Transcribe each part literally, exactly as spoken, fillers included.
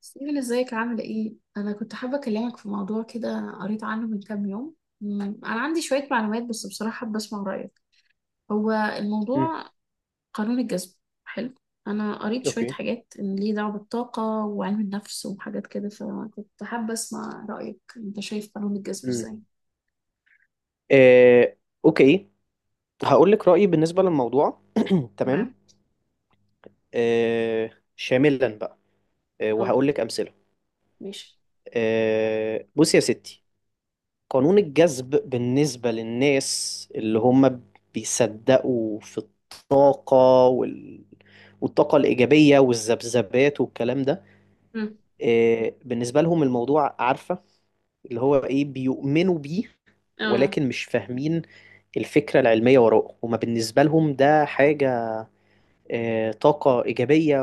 سيفل، ازيك؟ عاملة ايه؟ أنا كنت حابة أكلمك في موضوع كده، قريت عنه من كام يوم. مم، أنا عندي شوية معلومات، بس بصراحة حابة أسمع رأيك. هو مم. الموضوع قانون الجذب. حلو. أنا قريت شوية اوكي. حاجات إن ليه دعوة بالطاقة وعلم النفس وحاجات كده، فكنت حابة أسمع رأيك. أنت شايف قانون الجذب مم. ازاي؟ آه، اوكي، هقول لك رأيي بالنسبة للموضوع تمام. تمام؟ آه، شاملا بقى. آه، اه. وهقول لك أمثلة. ماشي. آه، بصي يا ستي. قانون الجذب بالنسبة للناس اللي هم بيصدقوا في الطاقة وال... والطاقة الإيجابية والذبذبات والكلام ده. مم، آه، بالنسبة لهم الموضوع، عارفة اللي هو ايه، بيؤمنوا بيه، اه. ولكن مش فاهمين الفكرة العلمية وراءه. هما بالنسبة لهم ده حاجة، آه، طاقة إيجابية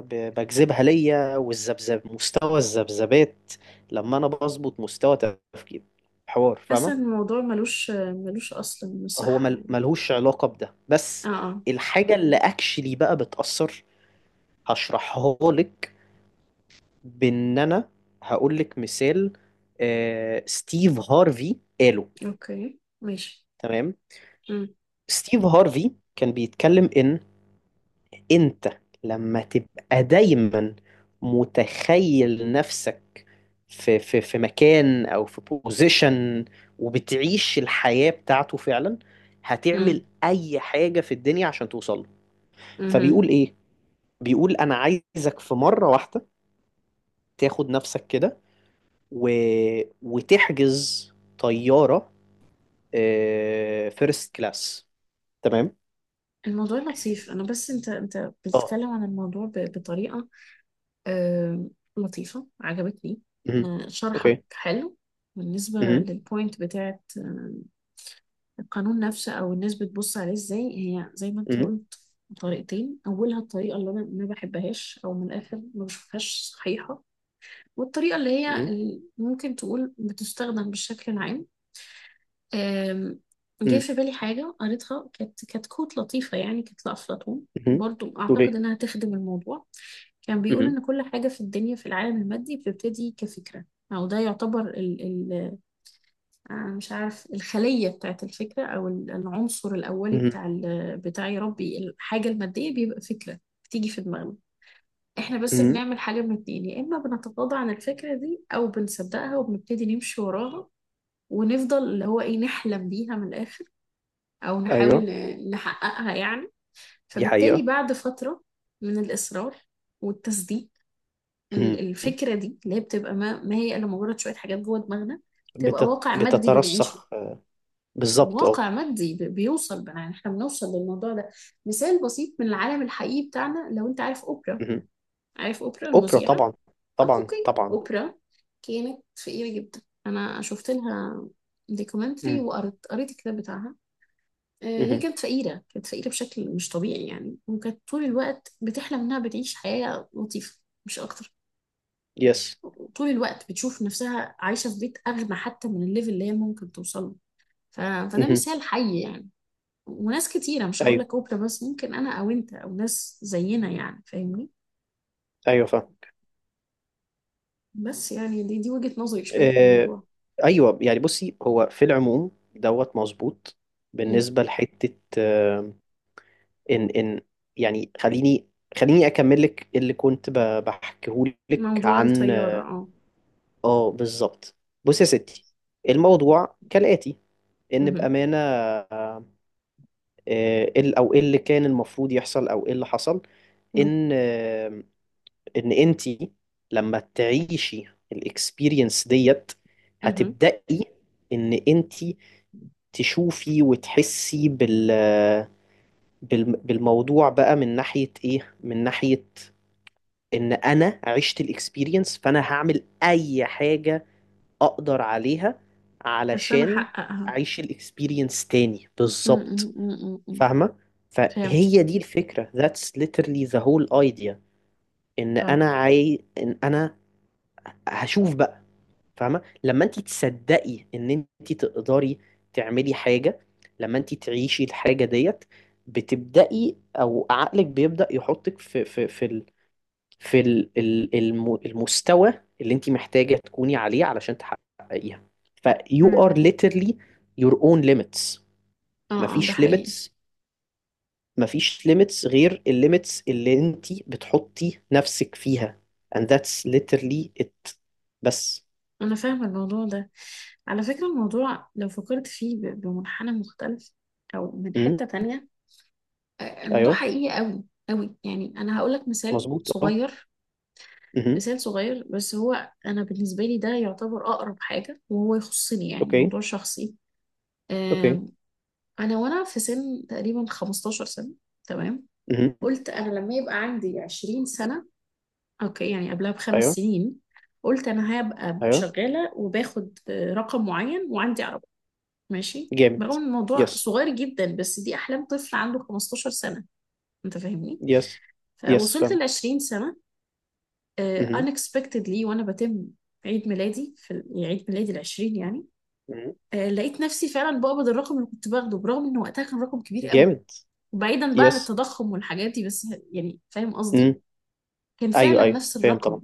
ب- بجذبها ليا، والذبذب، مستوى الذبذبات، لما أنا بظبط مستوى تفكير، حوار، حاسة فاهمة. إن الموضوع ملوش ملوش أصل من هو الصحة مل- يعني. ملهوش علاقة بده. اه، بس اه. الحاجة اللي أكشلي بقى بتأثر، هشرحها لك، بإن أنا هقول لك مثال. آه، ستيف هارفي قاله. اوكي، ماشي. تمام. ستيف هارفي كان بيتكلم ان انت لما تبقى دايما متخيل نفسك في في في مكان او في بوزيشن، وبتعيش الحياة بتاعته فعلا، هتعمل امم اي حاجة في الدنيا عشان توصل له. فبيقول ايه؟ بيقول انا عايزك في مرة واحدة تاخد نفسك كده و... وتحجز طيارة فيرست كلاس. تمام. الموضوع لطيف. انا بس انت انت اه. بتتكلم عن الموضوع ب- بطريقه آه، لطيفه، عجبتني. مهم. آه، شرحك اوكي. حلو. بالنسبه مهم. للبوينت بتاعت آه، القانون نفسه، او الناس بتبص عليه ازاي؟ هي زي ما انت مهم. قلت، طريقتين. اولها الطريقه اللي انا ما بحبهاش او من الاخر ما بشوفهاش صحيحه، والطريقه اللي هي مم. ال- ممكن تقول بتستخدم بالشكل العام. أم، جه مم. في بالي حاجة قريتها، كانت كانت كوت لطيفة يعني، كانت لأفلاطون، مم. برضو أعتقد توريه. إنها تخدم الموضوع. كان بيقول مم. إن كل حاجة في الدنيا في العالم المادي بتبتدي كفكرة، أو ده يعتبر ال ال آه، مش عارف الخلية بتاعت الفكرة، أو ال- العنصر الأولي مم. بتاع ال- بتاع، يا ربي، الحاجة المادية بيبقى فكرة بتيجي في دماغنا. احنا بس مم. بنعمل حاجة من اتنين، يا إما بنتغاضى عن الفكرة دي أو بنصدقها وبنبتدي نمشي وراها ونفضل اللي هو ايه نحلم بيها من الآخر، أو نحاول ايوه، ن- نحققها يعني. دي فبالتالي حقيقة. بعد فترة من الإصرار والتصديق، ال- مم. الفكرة دي اللي هي بتبقى ما, ما هي إلا مجرد شوية حاجات جوه دماغنا، تبقى بتت... واقع مادي بنعيشه. بتترسخ. بالظبط، اه. واقع مادي ب- بيوصل بقى، يعني احنا بنوصل للموضوع ده. مثال بسيط من العالم الحقيقي بتاعنا، لو انت عارف اوبرا، مم. عارف اوبرا اوبرا، المذيعة؟ طبعا. اه، طبعا اوكي. طبعا. اوبرا كانت فقيرة جدا. انا شفت لها دوكيومنتري مم. وقريت قريت الكتاب بتاعها. آه، هي مم. كانت فقيرة، كانت فقيرة بشكل مش طبيعي يعني، وكانت طول الوقت بتحلم إنها بتعيش حياة لطيفة، مش أكتر. يس. طول الوقت بتشوف نفسها عايشة في بيت أغنى حتى من الليفل اللي هي ممكن توصل له. ف... فده مم. مثال حي يعني. وناس كتيرة، مش هقول ايوه لك أوبرا بس، ممكن أنا أو أنت أو ناس زينا يعني، فاهمني. ايوه، فاهم. بس يعني دي دي وجهة نظري شوية في آه، الموضوع. ايوه يعني، بصي، هو في العموم دوت مظبوط. إيه، بالنسبة لحتة، آه، ان ان يعني، خليني خليني اكمل لك اللي كنت بحكيه لك موضوع عن. الطيارة. اه. اه، بالظبط. بص يا ستي، الموضوع كالآتي: ان مهم. بأمانة، آه، ال- او ايه اللي كان المفروض يحصل، او ايه اللي حصل، مم. ان آه، ان انتي لما تعيشي الاكسبيرينس ديت، مهم. هتبدأي ان انتي تشوفي وتحسي بال بال- بالموضوع بقى، من ناحية ايه، من ناحية ان انا عشت الاكسبيرينس، فانا هعمل اي حاجة اقدر عليها عشان علشان أحققها. اعيش الاكسبيرينس تاني. مم. مم. بالظبط. مم. مم. فاهمة؟ فهمت. فهي دي الفكرة. That's literally the whole idea. ان اه. انا عاي... ان انا هشوف بقى. فاهمة، لما انت تصدقي ان انت تقدري تعملي حاجة، لما انت تعيشي الحاجة ديت، بتبدأي، او عقلك بيبدأ يحطك في في في ال... في ال- ال- الم- المستوى اللي انت محتاجة تكوني عليه علشان تحققيها. ف you مم. are literally your own limits. اه، اه، ده مفيش حقيقي. limits مفيش limits غير الليميتس اللي انت بتحطي نفسك فيها. And that's literally it. بس. أنا فاهمة الموضوع ده. على فكرة الموضوع لو فكرت فيه ب- بمنحنى مختلف أو من امم. حتة تانية، آه، الموضوع ايوه، حقيقي أوي، أوي يعني. أنا هقولك مثال مظبوط، اه. صغير. امم. مثال صغير بس، هو أنا بالنسبة لي ده يعتبر أقرب حاجة وهو يخصني يعني، اوكي موضوع شخصي. اوكي. آم، أنا وأنا في سن تقريبا 15 سنة، تمام. امم. قلت أنا لما يبقى عندي 20 سنة، أوكي، يعني قبلها بخمس ايوه سنين، قلت أنا هبقى ايوه. شغالة وباخد آه، رقم معين وعندي ماشي، جامد، برغم ان الموضوع يس صغير جدا، بس دي احلام طفل عنده 15 سنه. انت فاهمني؟ يس يس، فوصلت فاهم. ل 20 سنه، آه، امم. unexpectedly، وانا بتم عيد ميلادي في ال- يعني عيد ميلادي ال العشرين يعني، آه، لقيت نفسي فعلا بقبض الرقم اللي كنت باخده، برغم ان وقتها كان رقم كبير قوي جامد، وبعيدا بقى عن يس. التضخم والحاجات دي بس، يعني فاهم قصدي، كان ايوه فعلا ايوه، نفس فاهم، طبعا. الرقم.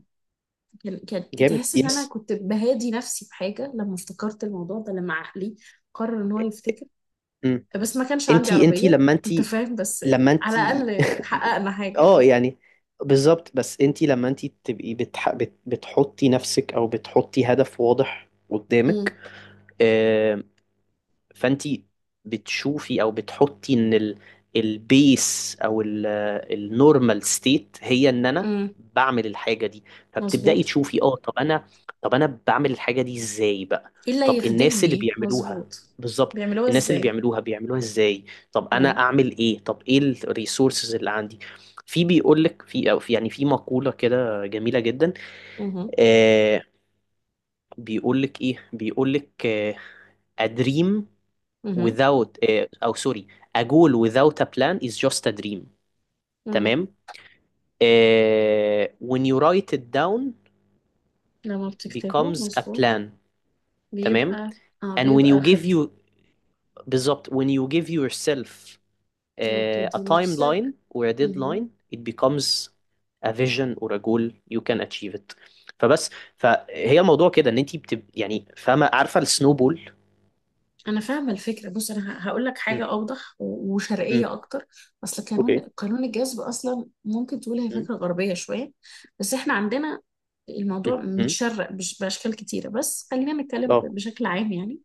كان كانت جامد، تحس ان انا يس. كنت بهادي نفسي بحاجه لما افتكرت الموضوع ده، لما عقلي قرر ان هو يفتكر. امم. بس ما كانش عندي انتي انتي عربية، لما انت انتي فاهم، بس لما على انتي الأقل حققنا حاجة اه يعني. يعني، بالظبط. بس انتي لما انتي تبقي بتح... بت... بتحطي نفسك، او بتحطي هدف واضح قدامك، امم. فانت بتشوفي او بتحطي ان ال البيس او النورمال ستيت هي ان انا امم. بعمل الحاجه دي. فبتبداي مظبوط. تشوفي، اه، طب انا طب انا بعمل الحاجه دي ازاي بقى؟ ايه اللي طب الناس اللي يخدمني؟ بيعملوها، مظبوط. بالظبط. بيعملوها الناس اللي ازاي؟ بيعملوها بيعملوها ازاي؟ طب انا ايوه. اعمل ايه؟ طب ايه الريسورسز اللي عندي؟ في بيقول لك، في او في يعني في مقوله كده جميله جدا. امم. آه، بيقول لك ايه، بيقول لك آه A dream امم. without آه، أو سوري، a goal without a plan is just a dream. امم. تمام. آه، When you write it down لما بتكتبه becomes a مظبوط. plan. تمام. بيبقى. اه، And when you بيبقى give خط. you، بالظبط، when you give yourself اه، آه، a بتدي نفسك. timeline or a deadline it becomes a vision or a goal you can achieve it. فبس. فهي الموضوع كده ان انت بتب يعني، فاهمه، عارفه السنوبول. انا فاهمه الفكره. بص انا هقول لك حاجه اوضح و- وشرقيه امم. اكتر. اصل قانون اوكي. قانون الجذب اصلا ممكن تقول هي مم. فكره غربيه شويه. بس احنا عندنا الموضوع مم. متشرق بش- باشكال كتيره، بس خلينا نتكلم اه. بشكل عام يعني.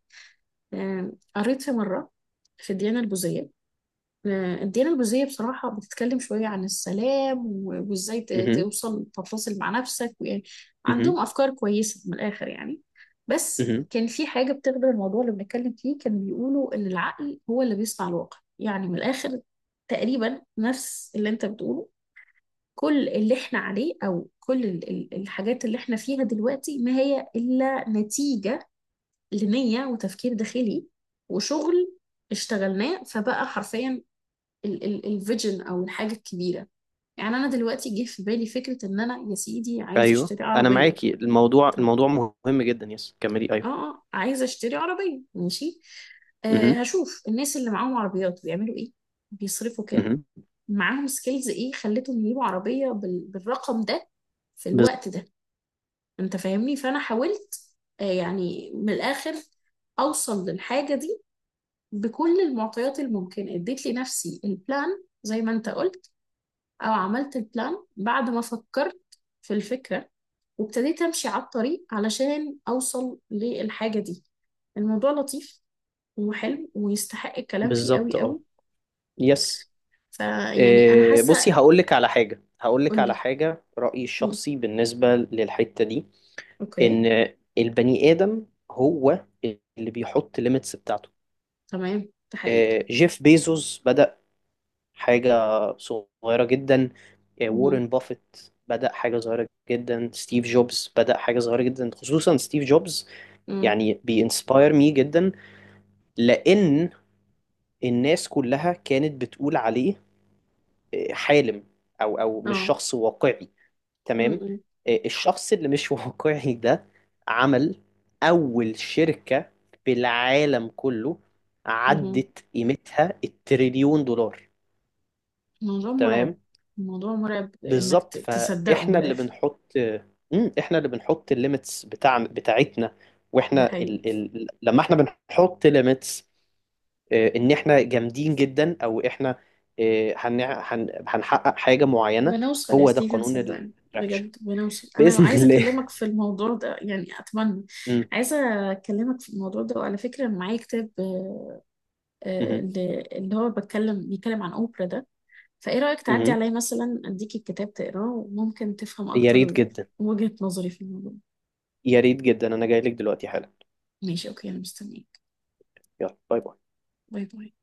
آم، قريت في مره في الديانه البوذيه. آه، الديانة البوذية بصراحة بتتكلم شوية عن السلام و- وازاي ت- مم. توصل تتصل مع نفسك ويعني مم. عندهم أفكار كويسة من الآخر يعني. بس مم. كان في حاجة بتخدم الموضوع اللي بنتكلم فيه، كانوا بيقولوا إن العقل هو اللي بيصنع الواقع يعني، من الآخر تقريبا نفس اللي أنت بتقوله. كل اللي احنا عليه أو كل ال- ال- الحاجات اللي احنا فيها دلوقتي ما هي إلا نتيجة لنية وتفكير داخلي وشغل اشتغلناه، فبقى حرفيا الفيجن او الحاجه الكبيره. يعني انا دلوقتي جه في بالي فكره ان انا، يا سيدي، عايزه ايوه، اشتري انا عربيه. معاكي. الموضوع طب، الموضوع مهم جدا. يس، كملي. اه، ايوه. اه، عايزه اشتري عربيه، ماشي. آه، مهم. هشوف الناس اللي معاهم عربيات بيعملوا ايه، بيصرفوا كام، مهم. معاهم سكيلز ايه خلتهم يجيبوا عربيه بال... بالرقم ده في بز- الوقت ده. انت فاهمني؟ فانا حاولت آه يعني من الاخر اوصل للحاجه دي بكل المعطيات الممكنه. اديت لنفسي البلان زي ما انت قلت، او عملت البلان بعد ما فكرت في الفكرة، وابتديت امشي على الطريق علشان اوصل للحاجة دي. الموضوع لطيف وحلو ويستحق الكلام فيه بالظبط، قوي اه. قوي. يس. فيعني انا إيه، حاسة. بصي، هقول لك على حاجه، هقول لك على قولي. حاجه رايي مم. الشخصي بالنسبه للحته دي. اوكي. ان البني ادم هو اللي بيحط ليميتس بتاعته. تمام. ده حقيقي. إيه، جيف بيزوس بدا حاجه صغيره جدا. إيه، مهم. وارن بافيت بدأ حاجة صغيرة جدا. ستيف جوبز بدأ حاجة صغيرة جدا. خصوصا ستيف جوبز، مم. يعني بينسباير مي جدا، لأن الناس كلها كانت بتقول عليه آه، حالم، أو أو مش اه. شخص واقعي. مم. تمام. مم. آه، الشخص اللي مش واقعي ده عمل أول شركة في العالم كله مهم. عدت قيمتها التريليون دولار. الموضوع مرعب. تمام. الموضوع مرعب انك بالظبط. ت- تصدقه من فإحنا اللي الاخر. بنحط مم، إحنا اللي بنحط الليميتس بتاع بتاعتنا. ده واحنا حقيقي. ال... ال... لما احنا بنحط limits، آه، ان احنا جامدين جدا، او احنا آه، هنع- هن- هنحقق حاجة معينة. بنوصل يا هو ده ستيفن، قانون صدقني الاتراكشن بجد بنوصل. انا بإذن عايزه الله اكلمك في الموضوع ده يعني اتمنى. مم. عايزه اكلمك في الموضوع ده. وعلى فكره أنا معايا كتاب آه، آه، مم. اللي اللي هو بتكلم بيتكلم عن اوبرا ده. فايه رايك تعدي مم. عليا مثلا، اديك الكتاب تقراه وممكن تفهم يا ريت اكتر جدا. وجهه نظري في الموضوع. يا ريت جدا، انا جاي لك دلوقتي حالا. ماشي، اوكي، انا مستنيك. يلا، باي باي. باي باي.